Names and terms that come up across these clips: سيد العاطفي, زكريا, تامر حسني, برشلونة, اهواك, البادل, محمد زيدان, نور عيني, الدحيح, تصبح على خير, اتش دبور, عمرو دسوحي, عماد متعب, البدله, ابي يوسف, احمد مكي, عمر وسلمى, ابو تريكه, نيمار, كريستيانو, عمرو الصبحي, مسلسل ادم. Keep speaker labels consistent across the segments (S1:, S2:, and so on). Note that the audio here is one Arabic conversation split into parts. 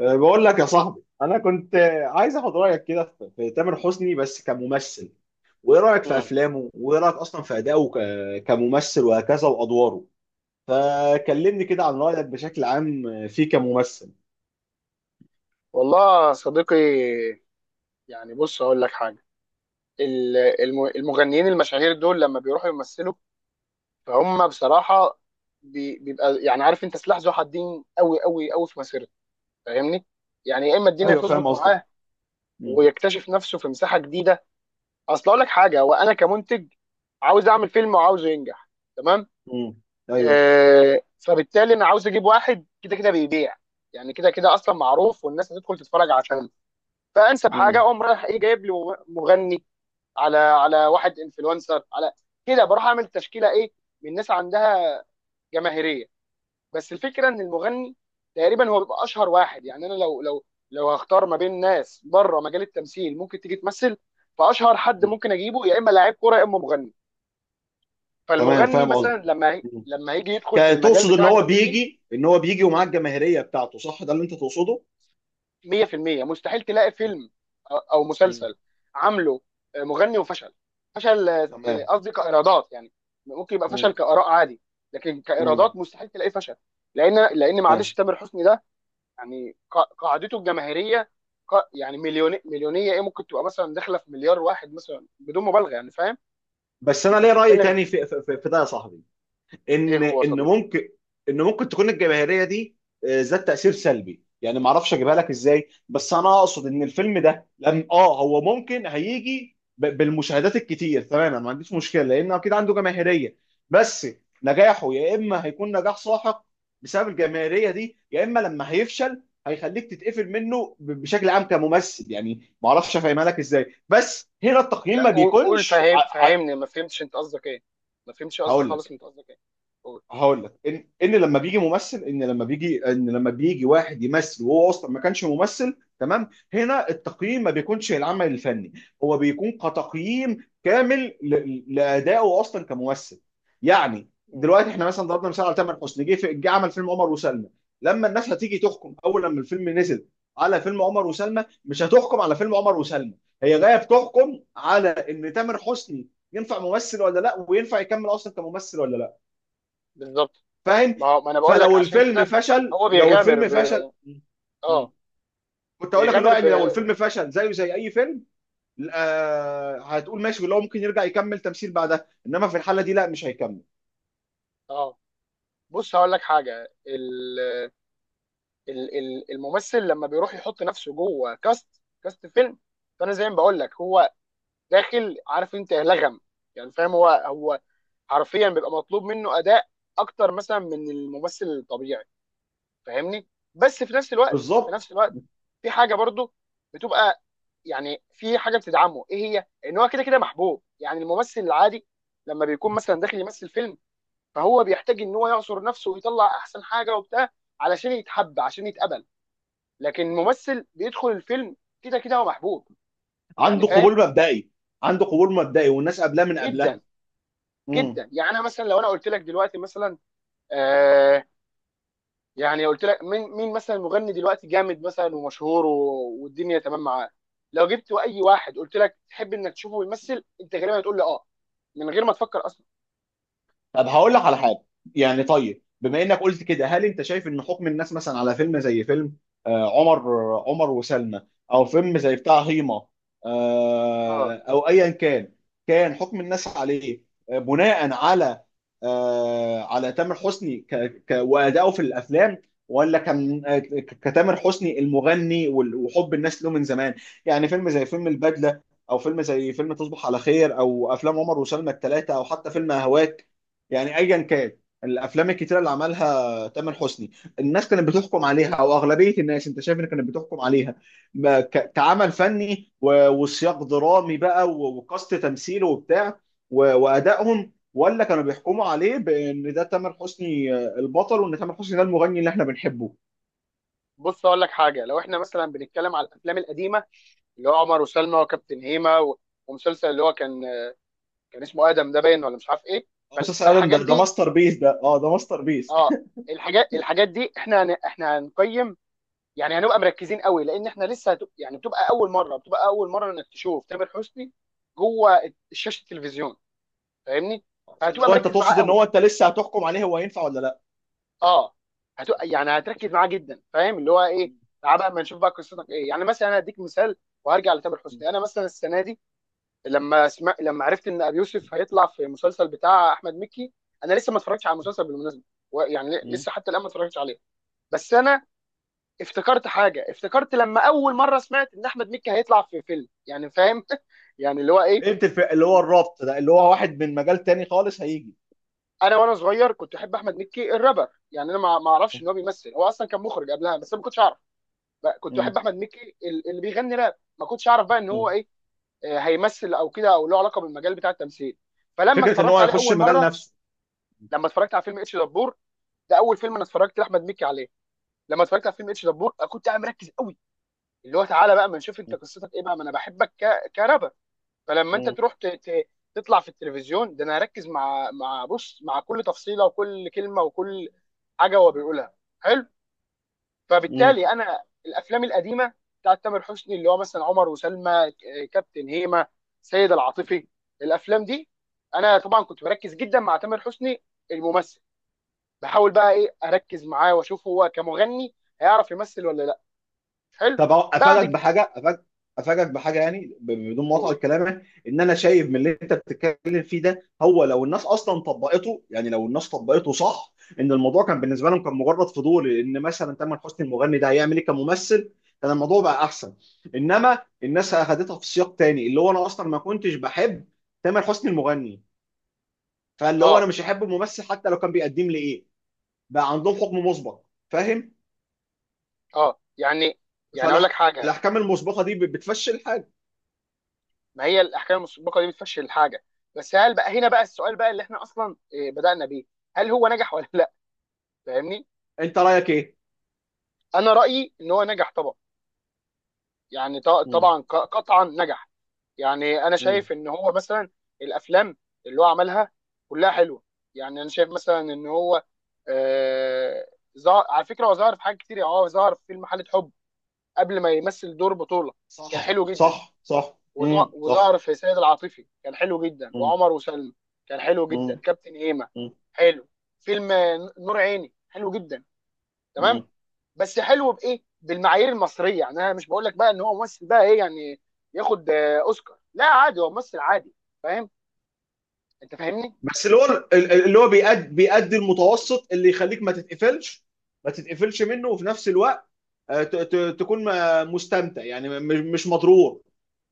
S1: بقول لك يا صاحبي انا كنت عايز اخد رايك كده في تامر حسني بس كممثل، وايه رايك في
S2: مم.
S1: افلامه، وايه رايك اصلا في ادائه كممثل وهكذا وادواره. فكلمني كده عن رايك بشكل عام فيه كممثل.
S2: والله يا صديقي، يعني بص اقول لك حاجه. ال- المغنيين المشاهير دول لما بيروحوا يمثلوا، فهم بصراحه بيبقى، يعني عارف انت، سلاح ذو حدين، قوي قوي قوي في مسيرته. فاهمني؟ يعني يا اما الدنيا
S1: ايوه، فاهم
S2: تظبط
S1: قصدك.
S2: معاه
S1: مم.
S2: ويكتشف نفسه في مساحه جديده. اصل اقول لك حاجه، وانا كمنتج عاوز اعمل فيلم وعاوزه ينجح، تمام؟
S1: مم. ايوه.
S2: فبالتالي انا عاوز اجيب واحد كده كده بيبيع، يعني كده كده اصلا معروف والناس هتدخل تتفرج عشانه. فانسب حاجه
S1: مم.
S2: اقوم رايح ايه؟ جايب لي مغني، على واحد انفلونسر، على كده بروح اعمل تشكيله ايه من ناس عندها جماهيريه. بس الفكره ان المغني تقريبا هو بيبقى اشهر واحد. يعني انا لو هختار ما بين ناس بره مجال التمثيل ممكن تيجي تمثل، فاشهر حد
S1: مم.
S2: ممكن اجيبه يا اما لاعب كوره يا اما مغني.
S1: تمام،
S2: فالمغني
S1: فاهم
S2: مثلا
S1: قصدك. مم.
S2: لما هيجي يدخل في المجال
S1: تقصد ان
S2: بتاع
S1: هو
S2: التمثيل،
S1: بيجي ان هو بيجي ومعاه الجماهيريه بتاعته، صح؟ ده اللي انت تقصده.
S2: 100%. مستحيل تلاقي فيلم او
S1: مم.
S2: مسلسل عامله مغني وفشل. فشل
S1: تمام.
S2: قصدي كايرادات يعني، ممكن يبقى فشل
S1: مم.
S2: كاراء عادي، لكن
S1: مم.
S2: كايرادات مستحيل تلاقيه فشل. لان لان معلش
S1: تمام.
S2: تامر حسني ده، يعني قاعدته الجماهيريه، يعني مليون، مليونيه، ايه ممكن تبقى مثلا داخله في مليار واحد مثلا، بدون مبالغه يعني، فاهم؟
S1: بس انا
S2: انت
S1: ليه راي
S2: بتتكلم في
S1: تاني في ده يا صاحبي.
S2: ايه
S1: ان
S2: هو يا
S1: ان
S2: صديقي؟
S1: ممكن ان ممكن تكون الجماهيريه دي ذات تاثير سلبي، يعني ما اعرفش اجيبها لك ازاي، بس انا اقصد ان الفيلم ده لم هو ممكن هيجي بالمشاهدات الكتير، تمام، أنا ما عنديش مشكله لان اكيد عنده جماهيريه. بس نجاحه يا اما هيكون نجاح ساحق بسبب الجماهيريه دي، يا اما لما هيفشل هيخليك تتقفل منه بشكل عام كممثل. يعني ما اعرفش افهمها لك ازاي، بس هنا التقييم
S2: لا
S1: ما
S2: قول قول،
S1: بيكونش
S2: فاهم فاهمني، ما فهمتش انت قصدك ايه، ما فهمتش قصدك
S1: هقول
S2: خالص،
S1: لك
S2: انت قصدك ايه؟ قول.
S1: هقول لك ان ان لما بيجي ممثل ان لما بيجي ان لما بيجي واحد يمثل وهو اصلا ما كانش ممثل، تمام، هنا التقييم ما بيكونش العمل الفني. هو بيكون كتقييم كامل لادائه اصلا كممثل. يعني
S2: مم.
S1: دلوقتي احنا مثلا ضربنا مثال على تامر حسني، جه عمل فيلم عمر وسلمى. لما الناس هتيجي تحكم اول لما الفيلم نزل على فيلم عمر وسلمى، مش هتحكم على فيلم عمر وسلمى. هي جايه بتحكم على ان تامر حسني ينفع ممثل ولا لا، وينفع يكمل اصلا كممثل ولا لا.
S2: بالظبط،
S1: فاهم.
S2: ما هو ما انا بقول لك
S1: فلو
S2: عشان
S1: الفيلم
S2: كده.
S1: فشل،
S2: هو
S1: لو
S2: بيغامر
S1: الفيلم
S2: ب...
S1: فشل.
S2: اه
S1: مم. كنت اقول لك اللي هو
S2: بيغامر
S1: يعني لو
S2: ب...
S1: الفيلم فشل زيه زي اي فيلم، هتقول ماشي، اللي هو ممكن يرجع يكمل تمثيل بعدها، انما في الحاله دي لا، مش هيكمل.
S2: اه بص هقول لك حاجه. ال... الممثل لما بيروح يحط نفسه جوه كاست، فيلم. فانا زي ما بقول لك، هو داخل عارف انت لغم، يعني فاهم، هو حرفيا بيبقى مطلوب منه اداء اكتر مثلا من الممثل الطبيعي. فاهمني؟ بس في
S1: بالظبط.
S2: نفس الوقت في حاجه برضو بتبقى، يعني في حاجه بتدعمه، ايه هي؟ ان هو كده كده محبوب. يعني الممثل العادي لما بيكون مثلا داخل يمثل فيلم، فهو بيحتاج ان هو يعصر نفسه ويطلع احسن حاجه وبتاع علشان يتحب، عشان يتقبل. لكن الممثل بيدخل الفيلم كده كده هو محبوب. يعني
S1: عنده
S2: فاهم؟
S1: قبول مبدئي. عنده قبول مبدئي والناس قبلها من
S2: جدا
S1: قبلها. مم.
S2: جدا. يعني انا مثلا لو انا قلت لك دلوقتي مثلا، آه، يعني قلت لك مين، مثلا مغني دلوقتي جامد مثلا ومشهور والدنيا تمام معاه، لو جبت اي واحد قلت لك تحب انك تشوفه بيمثل، انت غالبا هتقول لي اه من غير ما تفكر اصلا.
S1: طب هقول لك على حاجه. يعني طيب، بما انك قلت كده، هل انت شايف ان حكم الناس مثلا على فيلم زي فيلم آه، عمر عمر وسلمى، او فيلم زي بتاع هيما،
S2: اه،
S1: او ايا كان، كان حكم الناس عليه بناء على على تامر حسني ك ك وادائه في الافلام، ولا كان كتامر حسني المغني وحب الناس له من زمان؟ يعني فيلم زي فيلم البدله، او فيلم زي فيلم تصبح على خير، او افلام عمر وسلمى الثلاثه، او حتى فيلم اهواك، يعني ايا كان الافلام الكتيره اللي عملها تامر حسني، الناس كانت بتحكم عليها، او اغلبيه الناس انت شايف ان كانت بتحكم عليها كعمل فني وسياق درامي بقى وقصد تمثيله وبتاع وادائهم، ولا كانوا بيحكموا عليه بان ده تامر حسني البطل، وان تامر حسني ده المغني اللي احنا بنحبه؟
S2: بص اقول لك حاجه. لو احنا مثلا بنتكلم على الافلام القديمه، اللي هو عمر وسلمى وكابتن هيما ومسلسل اللي هو كان، اسمه ادم ده باين ولا مش عارف ايه.
S1: مسلسل ادم، ده
S2: فالحاجات
S1: ده
S2: دي،
S1: ماستر بيس، ده ده ماستر بيس.
S2: اه، الحاجات دي احنا احنا هنقيم. يعني هنبقى مركزين قوي، لان احنا لسه يعني بتبقى اول مره انك تشوف تامر حسني جوه شاشه التلفزيون. فاهمني؟
S1: فاللي
S2: فهتبقى
S1: هو انت
S2: مركز معاه
S1: تقصد ان
S2: قوي،
S1: هو انت لسه هتحكم عليه هو ينفع ولا
S2: اه. هتبقى يعني هتركز معاه جدا، فاهم اللي هو ايه؟ تعال بقى اما نشوف بقى قصتك ايه. يعني مثلا انا هديك مثال وهرجع لتامر حسني. انا مثلا السنه دي لما لما عرفت ان ابي يوسف هيطلع في مسلسل بتاع احمد مكي، انا لسه ما اتفرجتش على المسلسل بالمناسبه، يعني
S1: لا؟
S2: لسه حتى الان ما اتفرجتش عليه. بس انا افتكرت حاجه، افتكرت لما اول مره سمعت ان احمد مكي هيطلع في فيلم، يعني فاهم؟ يعني اللي هو ايه،
S1: فهمت اللي هو الربط ده اللي هو واحد من مجال تاني خالص هيجي.
S2: انا وانا صغير كنت احب احمد مكي الرابر، يعني انا ما اعرفش ان هو بيمثل، هو اصلا كان مخرج قبلها بس انا ما كنتش اعرف. بقى كنت
S1: مم.
S2: احب احمد مكي اللي بيغني راب، ما كنتش اعرف بقى ان
S1: مم.
S2: هو ايه، هيمثل او كده او له علاقه بالمجال بتاع التمثيل. فلما
S1: فكره ان هو
S2: اتفرجت عليه
S1: هيخش
S2: اول
S1: مجال
S2: مره،
S1: نفسه.
S2: لما اتفرجت على فيلم اتش دبور، ده اول فيلم انا اتفرجت لاحمد مكي عليه. لما اتفرجت على فيلم اتش دبور كنت قاعد مركز قوي، اللي هو تعالى بقى ما نشوف انت قصتك ايه بقى، ما انا بحبك كرابر. فلما انت
S1: مم.
S2: تروح تطلع في التلفزيون ده، انا هركز مع كل تفصيله وكل كلمه وكل حاجه هو بيقولها. حلو.
S1: مم.
S2: فبالتالي انا الافلام القديمه بتاعت تامر حسني اللي هو مثلا عمر وسلمى، كابتن هيما، سيد العاطفي، الافلام دي انا طبعا كنت بركز جدا مع تامر حسني الممثل، بحاول بقى ايه اركز معاه واشوف هو كمغني هيعرف يمثل ولا لا. حلو.
S1: طب
S2: بعد
S1: افاجئك
S2: كده
S1: بحاجه أفاجئ افاجئك بحاجه يعني بدون مقاطعه
S2: بقول
S1: لكلامك، ان انا شايف من اللي انت بتتكلم فيه ده، هو لو الناس اصلا طبقته، يعني لو الناس طبقته صح، ان الموضوع كان بالنسبه لهم كان مجرد فضول ان مثلا تامر حسني المغني ده هيعمل ايه كممثل، كان الموضوع بقى احسن. انما الناس اخذتها في سياق تاني، اللي هو انا اصلا ما كنتش بحب تامر حسني المغني، فاللي هو انا
S2: اه
S1: مش هحب الممثل حتى لو كان بيقدم لي ايه. بقى عندهم حكم مسبق، فاهم؟
S2: اه يعني، يعني اقول لك حاجه.
S1: فالاحكام المسبقه دي بتفشل حاجه.
S2: ما هي الاحكام المسبقه دي بتفشل الحاجه. بس هل بقى هنا بقى السؤال بقى اللي احنا اصلا بدانا بيه، هل هو نجح ولا لا؟ فاهمني؟
S1: انت رايك ايه؟
S2: انا رايي ان هو نجح طبعا. يعني
S1: مم.
S2: طبعا قطعا نجح. يعني انا
S1: مم.
S2: شايف ان هو مثلا الافلام اللي هو عملها كلها حلوه. يعني انا شايف مثلا ان هو آه ظهر، على فكره هو ظهر في حاجات كتير، يعني هو ظهر في فيلم حاله حب قبل ما يمثل دور بطوله، كان
S1: صح،
S2: حلو جدا.
S1: صح، صح. مم. صح.
S2: وظهر في سيد العاطفي كان حلو جدا،
S1: مم.
S2: وعمر وسلمى كان حلو جدا،
S1: مم.
S2: كابتن هيما
S1: مم.
S2: حلو، فيلم نور عيني حلو جدا، تمام.
S1: مم.
S2: بس حلو بايه؟ بالمعايير المصريه. يعني انا مش بقول لك بقى ان هو ممثل بقى ايه يعني ياخد اوسكار، لا عادي، هو ممثل عادي. فاهم؟ انت فاهمني.
S1: بس اللي هو اللي هو بيأدي المتوسط، اللي يخليك ما تتقفلش منه، وفي نفس الوقت تكون مستمتع، يعني مش مضرور،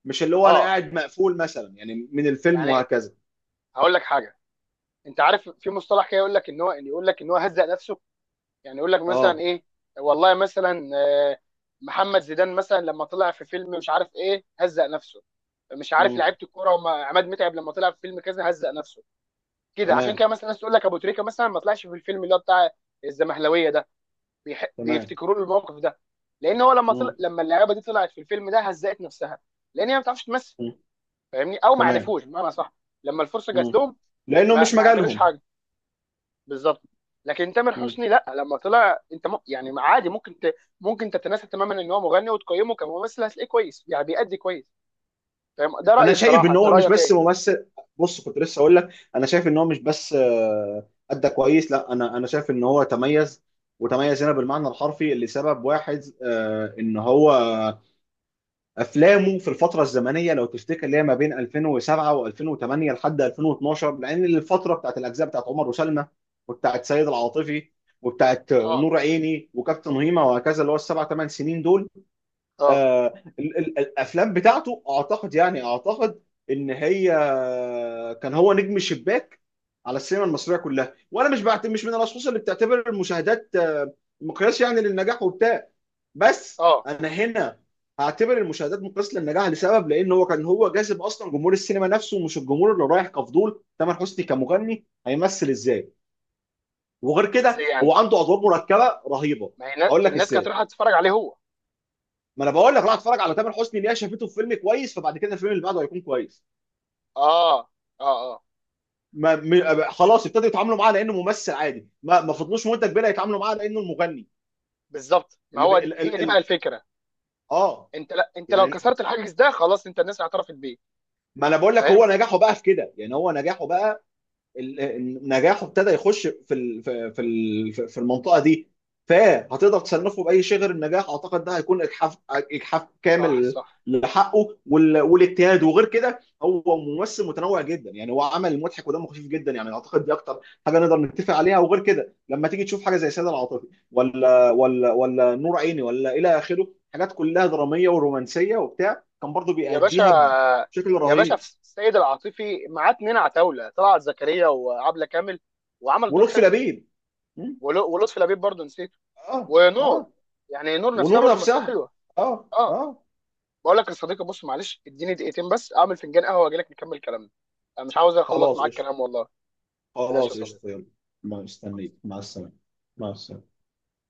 S1: مش اللي هو انا
S2: اه،
S1: قاعد مقفول مثلا يعني من الفيلم
S2: يعني
S1: وهكذا.
S2: هقول لك حاجه. انت عارف في مصطلح كده يقول لك ان هو، يقول لك ان هو هزق نفسه. يعني يقول لك مثلا
S1: اه.
S2: ايه، والله مثلا، محمد زيدان مثلا لما طلع في فيلم مش عارف ايه هزق نفسه. مش عارف،
S1: مم.
S2: لعيبه الكوره، وما عماد متعب لما طلع في فيلم كذا هزق نفسه. كده، عشان
S1: تمام.
S2: كده مثلا الناس تقول لك ابو تريكه مثلا ما طلعش في الفيلم اللي هو بتاع الزمهلاويه ده،
S1: تمام.
S2: بيفتكروا له الموقف ده. لان هو
S1: مم.
S2: لما اللعيبه دي طلعت في الفيلم ده هزقت نفسها، لان هي ما بتعرفش تمثل.
S1: مم.
S2: فاهمني؟ او ما
S1: تمام.
S2: عرفوش بمعنى صح لما الفرصه جات
S1: مم.
S2: لهم،
S1: لانه
S2: ما,
S1: مش
S2: ما عملوش
S1: مجالهم.
S2: حاجه. بالظبط. لكن تامر
S1: مم.
S2: حسني لا، لما طلع انت يعني عادي ممكن ممكن تتناسى تماما ان هو مغني وتقيمه كممثل هتلاقيه كويس، يعني بيأدي كويس. فاهم؟ ده
S1: انا
S2: رأيي
S1: شايف
S2: بصراحة،
S1: ان
S2: انت
S1: هو مش
S2: رأيك
S1: بس
S2: ايه؟
S1: ممثل. بص كنت لسه اقول لك، انا شايف ان هو مش بس ادى كويس، لا، انا شايف ان هو تميز. وتميز هنا بالمعنى الحرفي لسبب واحد، ان هو افلامه في الفتره الزمنيه لو تفتكر، اللي هي ما بين 2007 و2008 لحد 2012، لان الفتره بتاعت الاجزاء بتاعت عمر وسلمى، وبتاعت سيد العاطفي، وبتاعت
S2: اه،
S1: نور عيني وكابتن هيما وهكذا، اللي هو السبع ثمان سنين دول،
S2: اه،
S1: آه، الافلام بتاعته اعتقد، يعني اعتقد ان هي كان هو نجم الشباك على السينما المصريه كلها. وانا مش من الاشخاص اللي بتعتبر المشاهدات مقياس يعني للنجاح وبتاع، بس
S2: اه.
S1: انا هنا هعتبر المشاهدات مقياس للنجاح لسبب، لان هو كان هو جاذب اصلا جمهور السينما نفسه، مش الجمهور اللي رايح كفضول تامر حسني كمغني هيمثل ازاي. وغير كده
S2: ازاي
S1: هو
S2: يعني؟
S1: عنده ادوار
S2: يعني
S1: مركبه رهيبه.
S2: ما هي
S1: هقول لك
S2: الناس كانت
S1: ازاي.
S2: رايحة تتفرج عليه هو.
S1: ما انا بقول لك روح اتفرج على تامر حسني ليه، شافته في فيلم كويس فبعد كده الفيلم اللي بعده هيكون كويس.
S2: اه، اه، اه.
S1: ما م... خلاص، ابتدوا يتعاملوا معاه لانه ممثل عادي، ما فضلوش مده كبيره يتعاملوا معاه لانه المغني.
S2: بالظبط، ما
S1: اللي ب...
S2: هو
S1: ال...
S2: هي
S1: ال...
S2: دي بقى
S1: ال...
S2: الفكرة.
S1: اه
S2: انت لا، انت لو
S1: يعني
S2: كسرت الحاجز ده خلاص، انت الناس اعترفت بيه.
S1: ما انا بقول لك
S2: فاهم؟
S1: هو نجاحه بقى في كده، يعني هو نجاحه بقى نجاحه ابتدى يخش في المنطقه دي. فهتقدر تصنفه باي شيء غير النجاح؟ اعتقد ده هيكون اجحاف
S2: صح،
S1: كامل
S2: صح.
S1: لحقه والاجتهاد. وغير كده هو ممثل متنوع جدا، يعني هو عمل مضحك ودمه خفيف جدا، يعني اعتقد دي اكتر حاجه نقدر نتفق عليها. وغير كده لما تيجي تشوف حاجه زي سيد العاطفي ولا نور عيني ولا الى اخره، حاجات كلها دراميه ورومانسيه وبتاع، كان برضو
S2: يا باشا،
S1: بيأديها بشكل
S2: يا باشا، في
S1: رهيب.
S2: السيد العاطفي معاه اتنين عتاوله، طلعت زكريا وعبله كامل، وعمل دور
S1: ولطفي
S2: حلو.
S1: لبيب. م?
S2: ولطفي لبيب برضه نسيته.
S1: اه،
S2: ونور،
S1: اه.
S2: يعني نور نفسها
S1: ونور
S2: برضه ممثله
S1: نفسها.
S2: حلوه.
S1: اه،
S2: اه،
S1: اه.
S2: بقول لك يا صديقي، بص معلش، اديني دقيقتين بس اعمل فنجان قهوه واجي لك نكمل كلامنا. انا مش عاوز اخلص
S1: خلاص
S2: معاك
S1: قشطة،
S2: كلام والله. ماشي يا
S1: خلاص قشطة،
S2: صديقي.
S1: يلا. مستنيك. مع السلامة. مع السلامة.